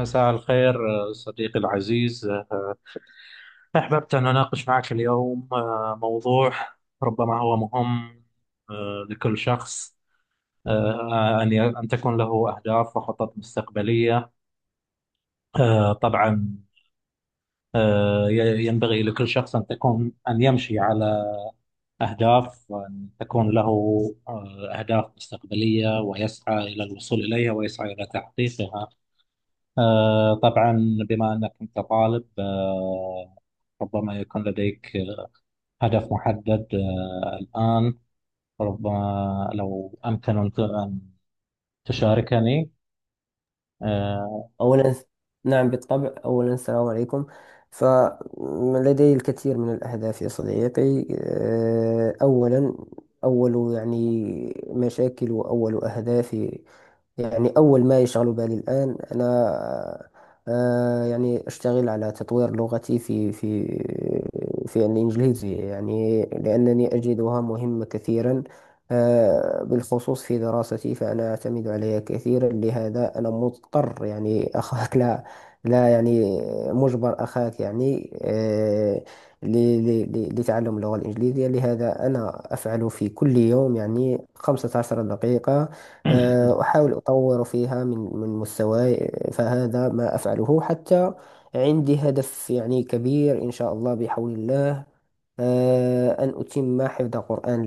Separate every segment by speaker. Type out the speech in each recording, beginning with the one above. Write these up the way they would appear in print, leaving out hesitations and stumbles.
Speaker 1: مساء الخير. صديقي العزيز، أحببت أن أناقش معك اليوم موضوع ربما هو مهم لكل شخص. أن تكون له أهداف وخطط مستقبلية. طبعا ينبغي لكل شخص أن تكون أن يمشي على أهداف وأن تكون له أهداف مستقبلية ويسعى إلى الوصول إليها ويسعى إلى تحقيقها. طبعا، بما أنك أنت طالب، ربما يكون لديك هدف محدد الآن. ربما لو أمكن أن تشاركني. آه،
Speaker 2: أولا، نعم بالطبع، أولا السلام عليكم. فلدي الكثير من الأهداف يا صديقي. أولا، أول يعني مشاكل، وأول أهدافي، يعني أول ما يشغل بالي الآن أنا، يعني أشتغل على تطوير لغتي في الإنجليزية، يعني لأنني أجدها مهمة كثيرا، بالخصوص في دراستي، فأنا أعتمد عليها كثيرا. لهذا أنا مضطر، يعني أخاك لا لا، يعني مجبر أخاك يعني، ل- لتعلم اللغة الإنجليزية. لهذا أنا أفعل في كل يوم يعني 15 دقيقة، أحاول أطور فيها من مستواي، فهذا ما أفعله حتى. عندي هدف يعني كبير، إن شاء الله بحول الله، أن أتم حفظ القرآن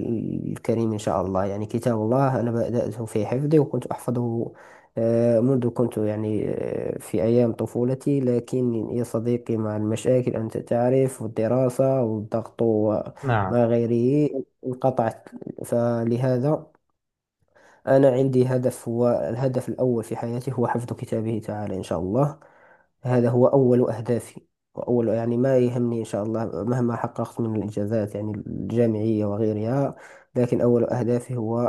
Speaker 2: الكريم إن شاء الله. يعني كتاب الله أنا بدأته في حفظي، وكنت أحفظه منذ كنت يعني، في أيام طفولتي، لكن يا صديقي مع المشاكل أنت تعرف، والدراسة والضغط
Speaker 1: نعم،
Speaker 2: وما غيره انقطعت. فلهذا أنا عندي هدف، هو الهدف الأول في حياتي، هو حفظ كتابه تعالى إن شاء الله. هذا هو أول أهدافي، وأول يعني ما يهمني إن شاء الله، مهما حققت من الإنجازات يعني الجامعية وغيرها، لكن أول أهدافي هو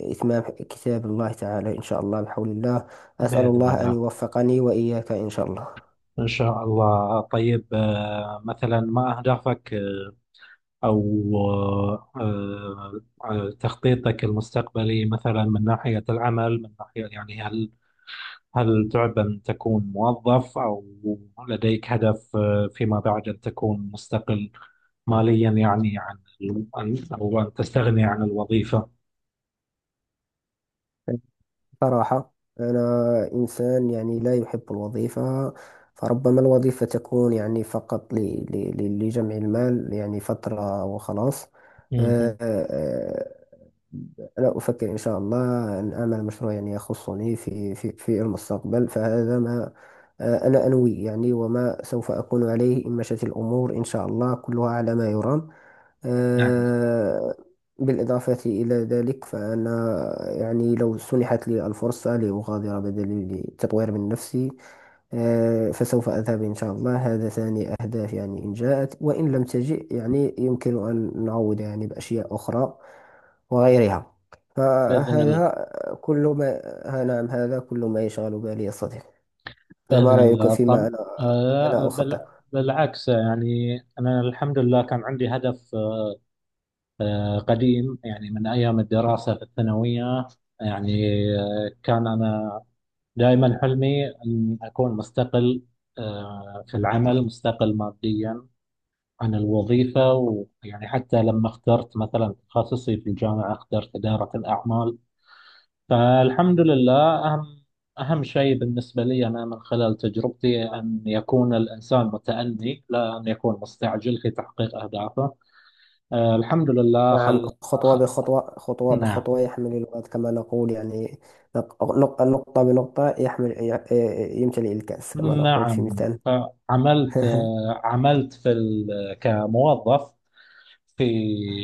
Speaker 2: إتمام كتاب الله تعالى إن شاء الله بحول الله. أسأل
Speaker 1: بإذن
Speaker 2: الله أن
Speaker 1: الله.
Speaker 2: يوفقني وإياك إن شاء الله.
Speaker 1: إن شاء الله. طيب، مثلا ما أهدافك أو تخطيطك المستقبلي، مثلا من ناحية العمل، من ناحية يعني هل تعب أن تكون موظف، أو لديك هدف فيما بعد أن تكون مستقل ماليا يعني عن أو أن تستغني عن الوظيفة؟
Speaker 2: صراحة أنا إنسان يعني لا يحب الوظيفة، فربما الوظيفة تكون يعني فقط لجمع المال، يعني فترة وخلاص.
Speaker 1: مهم.
Speaker 2: أنا أفكر إن شاء الله أن أعمل مشروع يعني يخصني في المستقبل. فهذا ما أنا أنوي، يعني وما سوف أكون عليه إن مشت الأمور إن شاء الله كلها على ما يرام.
Speaker 1: نعم
Speaker 2: آه، بالإضافة إلى ذلك، فأنا يعني لو سنحت لي الفرصة لأغادر بدل لتطوير من نفسي، فسوف أذهب إن شاء الله. هذا ثاني أهداف يعني، إن جاءت وإن لم تجئ يعني يمكن أن نعوض يعني بأشياء أخرى وغيرها.
Speaker 1: بإذن الله.
Speaker 2: فهذا كل ما، ها نعم، هذا كل ما يشغل بالي يا صديقي. فما
Speaker 1: بإذن
Speaker 2: رأيك
Speaker 1: الله.
Speaker 2: فيما
Speaker 1: طب،
Speaker 2: أنا
Speaker 1: بل
Speaker 2: أخطط؟
Speaker 1: بالعكس، يعني أنا الحمد لله كان عندي هدف قديم، يعني من أيام الدراسة في الثانوية. يعني كان أنا دائما حلمي أن أكون مستقل في العمل، مستقل ماديا عن الوظيفة، ويعني حتى لما اخترت مثلا تخصصي في الجامعة اخترت إدارة الأعمال. فالحمد لله. أهم أهم شيء بالنسبة لي أنا من خلال تجربتي أن يكون الإنسان متأني، لا أن يكون مستعجل في تحقيق أهدافه. الحمد لله.
Speaker 2: نعم، خطوة بخطوة، خطوة
Speaker 1: نعم
Speaker 2: بخطوة يحمل الوقت كما نقول يعني. نقطة بنقطة يمتلئ الكأس كما نقول في
Speaker 1: نعم.
Speaker 2: مثال.
Speaker 1: عملت، عملت في ال... كموظف في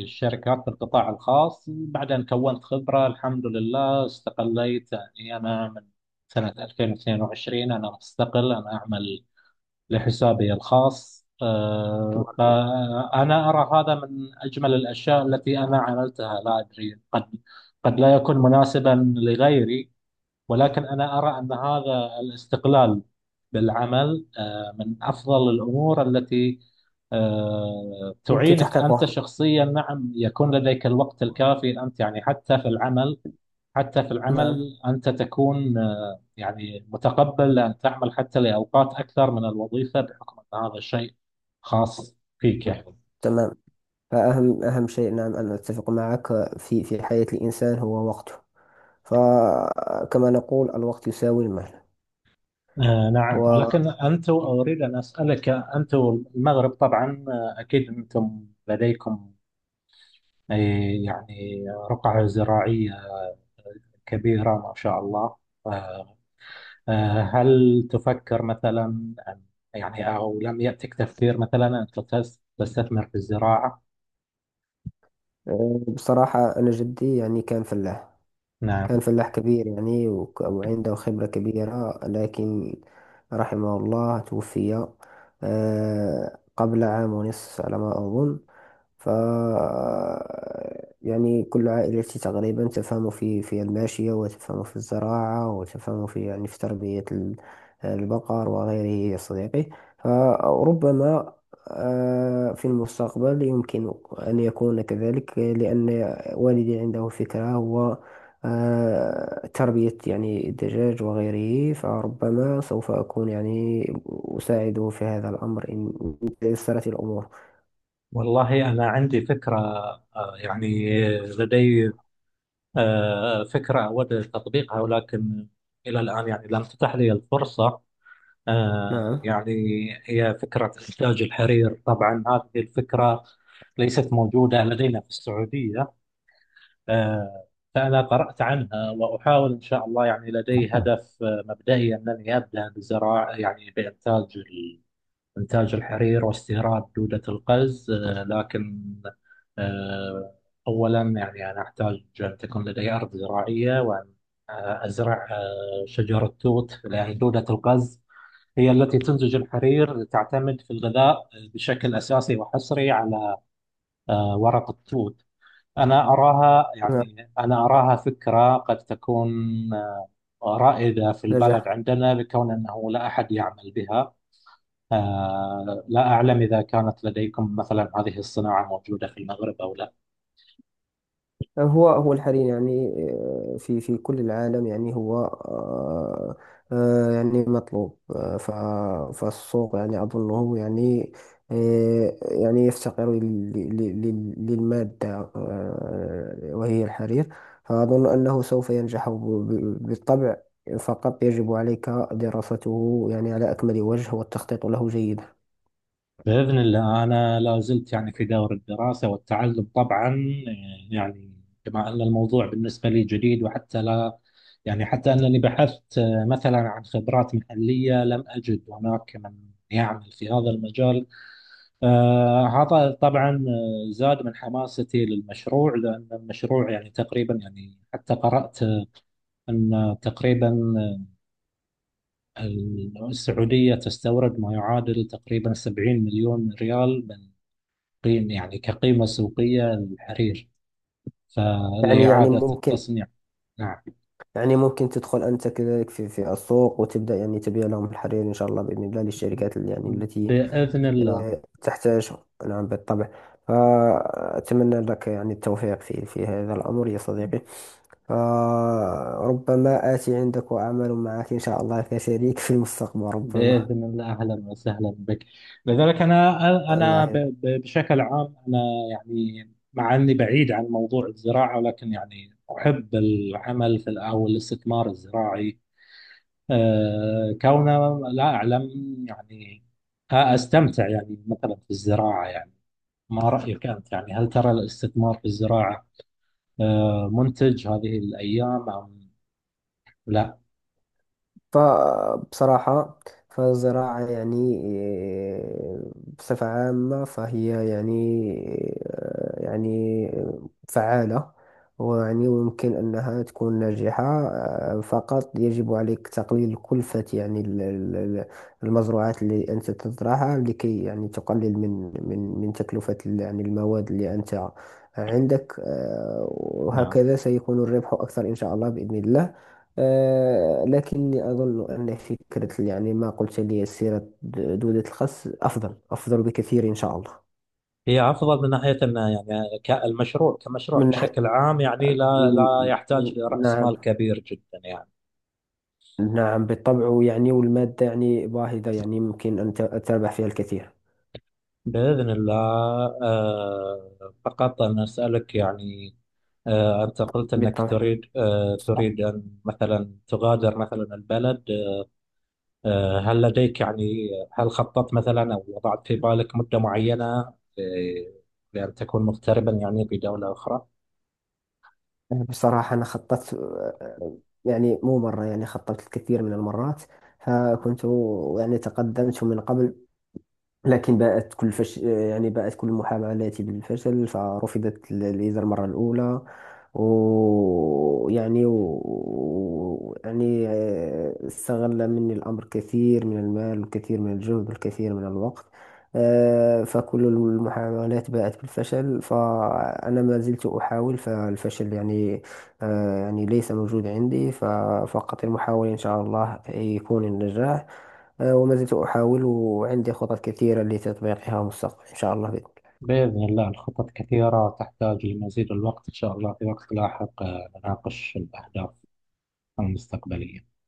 Speaker 1: الشركات في القطاع الخاص، بعدين كونت خبرة الحمد لله، استقليت. يعني أنا من سنة 2022 أنا مستقل، أنا أعمل لحسابي الخاص.
Speaker 2: تبارك الله،
Speaker 1: فأنا أرى هذا من أجمل الأشياء التي أنا عملتها. لا أدري، قد لا يكون مناسبا لغيري، ولكن أنا أرى أن هذا الاستقلال بالعمل من أفضل الأمور التي
Speaker 2: يمكن
Speaker 1: تعينك أنت
Speaker 2: تحقيقه.
Speaker 1: شخصيا. نعم يكون لديك الوقت الكافي أنت، يعني حتى في العمل. حتى في
Speaker 2: نعم،
Speaker 1: العمل أنت تكون يعني متقبل أن تعمل حتى لأوقات أكثر من الوظيفة، بحكم أن هذا الشيء خاص فيك يعني.
Speaker 2: تمام. فأهم شيء، نعم أنا أتفق معك، في حياة الإنسان هو وقته، فكما نقول الوقت يساوي المال.
Speaker 1: نعم، ولكن أنتم، أريد أن أسألك، أنتم المغرب طبعا أكيد أنتم لديكم أي يعني رقعة زراعية كبيرة ما شاء الله. آه، هل تفكر مثلا يعني، أو لم يأتك تفكير مثلا أن تستثمر في الزراعة؟
Speaker 2: وبصراحة أنا جدي يعني كان فلاح
Speaker 1: نعم.
Speaker 2: كان فلاح كبير يعني، وعنده خبرة كبيرة، لكن رحمه الله توفي قبل عام ونصف على ما أظن. ف يعني كل عائلتي تقريبا تفهم في الماشية، وتفهم في الزراعة، وتفهم في يعني في تربية البقر وغيره يا صديقي. فربما في المستقبل يمكن أن يكون كذلك، لأن والدي عنده فكرة هو تربية يعني الدجاج وغيره. فربما سوف أكون يعني أساعده في هذا الأمر، إن تيسرت الأمور.
Speaker 1: والله أنا عندي فكرة، يعني لدي فكرة أود تطبيقها، ولكن إلى الآن يعني لم تتح لي الفرصة.
Speaker 2: نعم،
Speaker 1: يعني هي فكرة إنتاج الحرير. طبعا هذه الفكرة ليست موجودة لدينا في السعودية. آه، فأنا قرأت عنها وأحاول إن شاء الله. يعني لدي هدف مبدئي، أنني أبدأ بزراعة يعني بإنتاج إنتاج الحرير واستيراد دودة القز. لكن آه، أولا يعني أنا أحتاج أن تكون لدي أرض زراعية، وأن أزرع شجر التوت، لأن دودة القز هي التي تنتج الحرير، تعتمد في الغذاء بشكل أساسي وحصري على ورق التوت. أنا أراها فكرة قد تكون آه، رائدة في البلد
Speaker 2: نجح.
Speaker 1: عندنا، لكون أنه لا أحد يعمل بها. لا أعلم إذا كانت لديكم مثلا هذه الصناعة موجودة في المغرب أو لا.
Speaker 2: هو هو الحريم يعني، في كل العالم، يعني هو، يعني مطلوب. فالسوق يعني أظنه يعني، يعني يفتقر للمادة، وهي الحرير. فأظن أنه سوف ينجح بالطبع. فقط يجب عليك دراسته يعني على أكمل وجه، والتخطيط له جيدا.
Speaker 1: بإذن الله، أنا لا زلت يعني في دور الدراسة والتعلم طبعا. يعني كما أن الموضوع بالنسبة لي جديد، وحتى لا يعني حتى أنني بحثت مثلا عن خبرات محلية، لم أجد هناك من يعمل في هذا المجال. هذا طبعا زاد من حماستي للمشروع، لأن المشروع يعني تقريبا، يعني حتى قرأت أن تقريبا السعودية تستورد ما يعادل تقريبا 70 مليون ريال من قيم يعني كقيمة سوقية للحرير،
Speaker 2: يعني
Speaker 1: فلإعادة
Speaker 2: ممكن،
Speaker 1: التصنيع. نعم
Speaker 2: يعني ممكن تدخل أنت كذلك في السوق، وتبدأ يعني تبيع لهم الحرير إن شاء الله بإذن الله، للشركات اللي يعني التي
Speaker 1: بإذن الله.
Speaker 2: تحتاجهم. نعم بالطبع. فأتمنى لك يعني التوفيق في هذا الأمر يا صديقي. فربما آتي عندك وأعمل معك إن شاء الله كشريك في المستقبل، ربما.
Speaker 1: بإذن الله، أهلا وسهلا بك. لذلك أنا،
Speaker 2: الله
Speaker 1: أنا
Speaker 2: يبارك.
Speaker 1: بشكل عام أنا، يعني مع أني بعيد عن موضوع الزراعة، ولكن يعني أحب العمل في أو الاستثمار الزراعي، كونه لا أعلم يعني أستمتع يعني مثلا في الزراعة يعني. ما رأيك أنت؟ يعني هل ترى الاستثمار في الزراعة منتج هذه الأيام أم لا؟
Speaker 2: فبصراحة فالزراعة يعني، آه، بصفة عامة فهي يعني، يعني فعالة، ويعني ويمكن أنها تكون ناجحة. فقط يجب عليك تقليل كلفة يعني المزروعات اللي أنت تزرعها، لكي يعني تقلل من تكلفة يعني المواد اللي أنت عندك،
Speaker 1: نعم.
Speaker 2: وهكذا سيكون الربح أكثر إن شاء الله بإذن الله. لكني أظن أن فكرة يعني ما قلت لي، سيرة دودة الخس، أفضل أفضل بكثير إن شاء الله.
Speaker 1: هي أفضل من ناحية أن يعني المشروع كمشروع
Speaker 2: من ناحية
Speaker 1: بشكل عام يعني لا
Speaker 2: م-
Speaker 1: لا
Speaker 2: م-
Speaker 1: يحتاج لرأس
Speaker 2: نعم.
Speaker 1: مال كبير جدا يعني.
Speaker 2: نعم بالطبع يعني، والمادة يعني باهظة، يعني ممكن أن تربح فيها الكثير
Speaker 1: بإذن الله. فقط أنا أسألك يعني، أنت قلت أنك
Speaker 2: بالطبع.
Speaker 1: تريد، آه،
Speaker 2: صح.
Speaker 1: تريد أن مثلا تغادر مثلا البلد. هل لديك يعني هل خططت مثلا أو وضعت في بالك مدة معينة آه، لأن تكون مغتربا يعني في دولة أخرى؟
Speaker 2: بصراحة أنا خططت، يعني مو مرة، يعني خططت الكثير من المرات. فكنت يعني تقدمت من قبل، لكن يعني بقت كل محاولاتي بالفشل. فرفضت الفيزا المرة الأولى، ويعني يعني استغل مني الأمر كثير من المال، والكثير من الجهد، والكثير من الوقت. فكل المحاولات باءت بالفشل، فأنا ما زلت أحاول. فالفشل يعني، يعني ليس موجود عندي، ففقط المحاولة إن شاء الله يكون النجاح. وما زلت أحاول، وعندي خطط كثيرة لتطبيقها مستقبلا إن شاء الله.
Speaker 1: بإذن الله. الخطط كثيرة، تحتاج لمزيد الوقت، إن شاء الله في وقت لاحق نناقش الأهداف المستقبلية.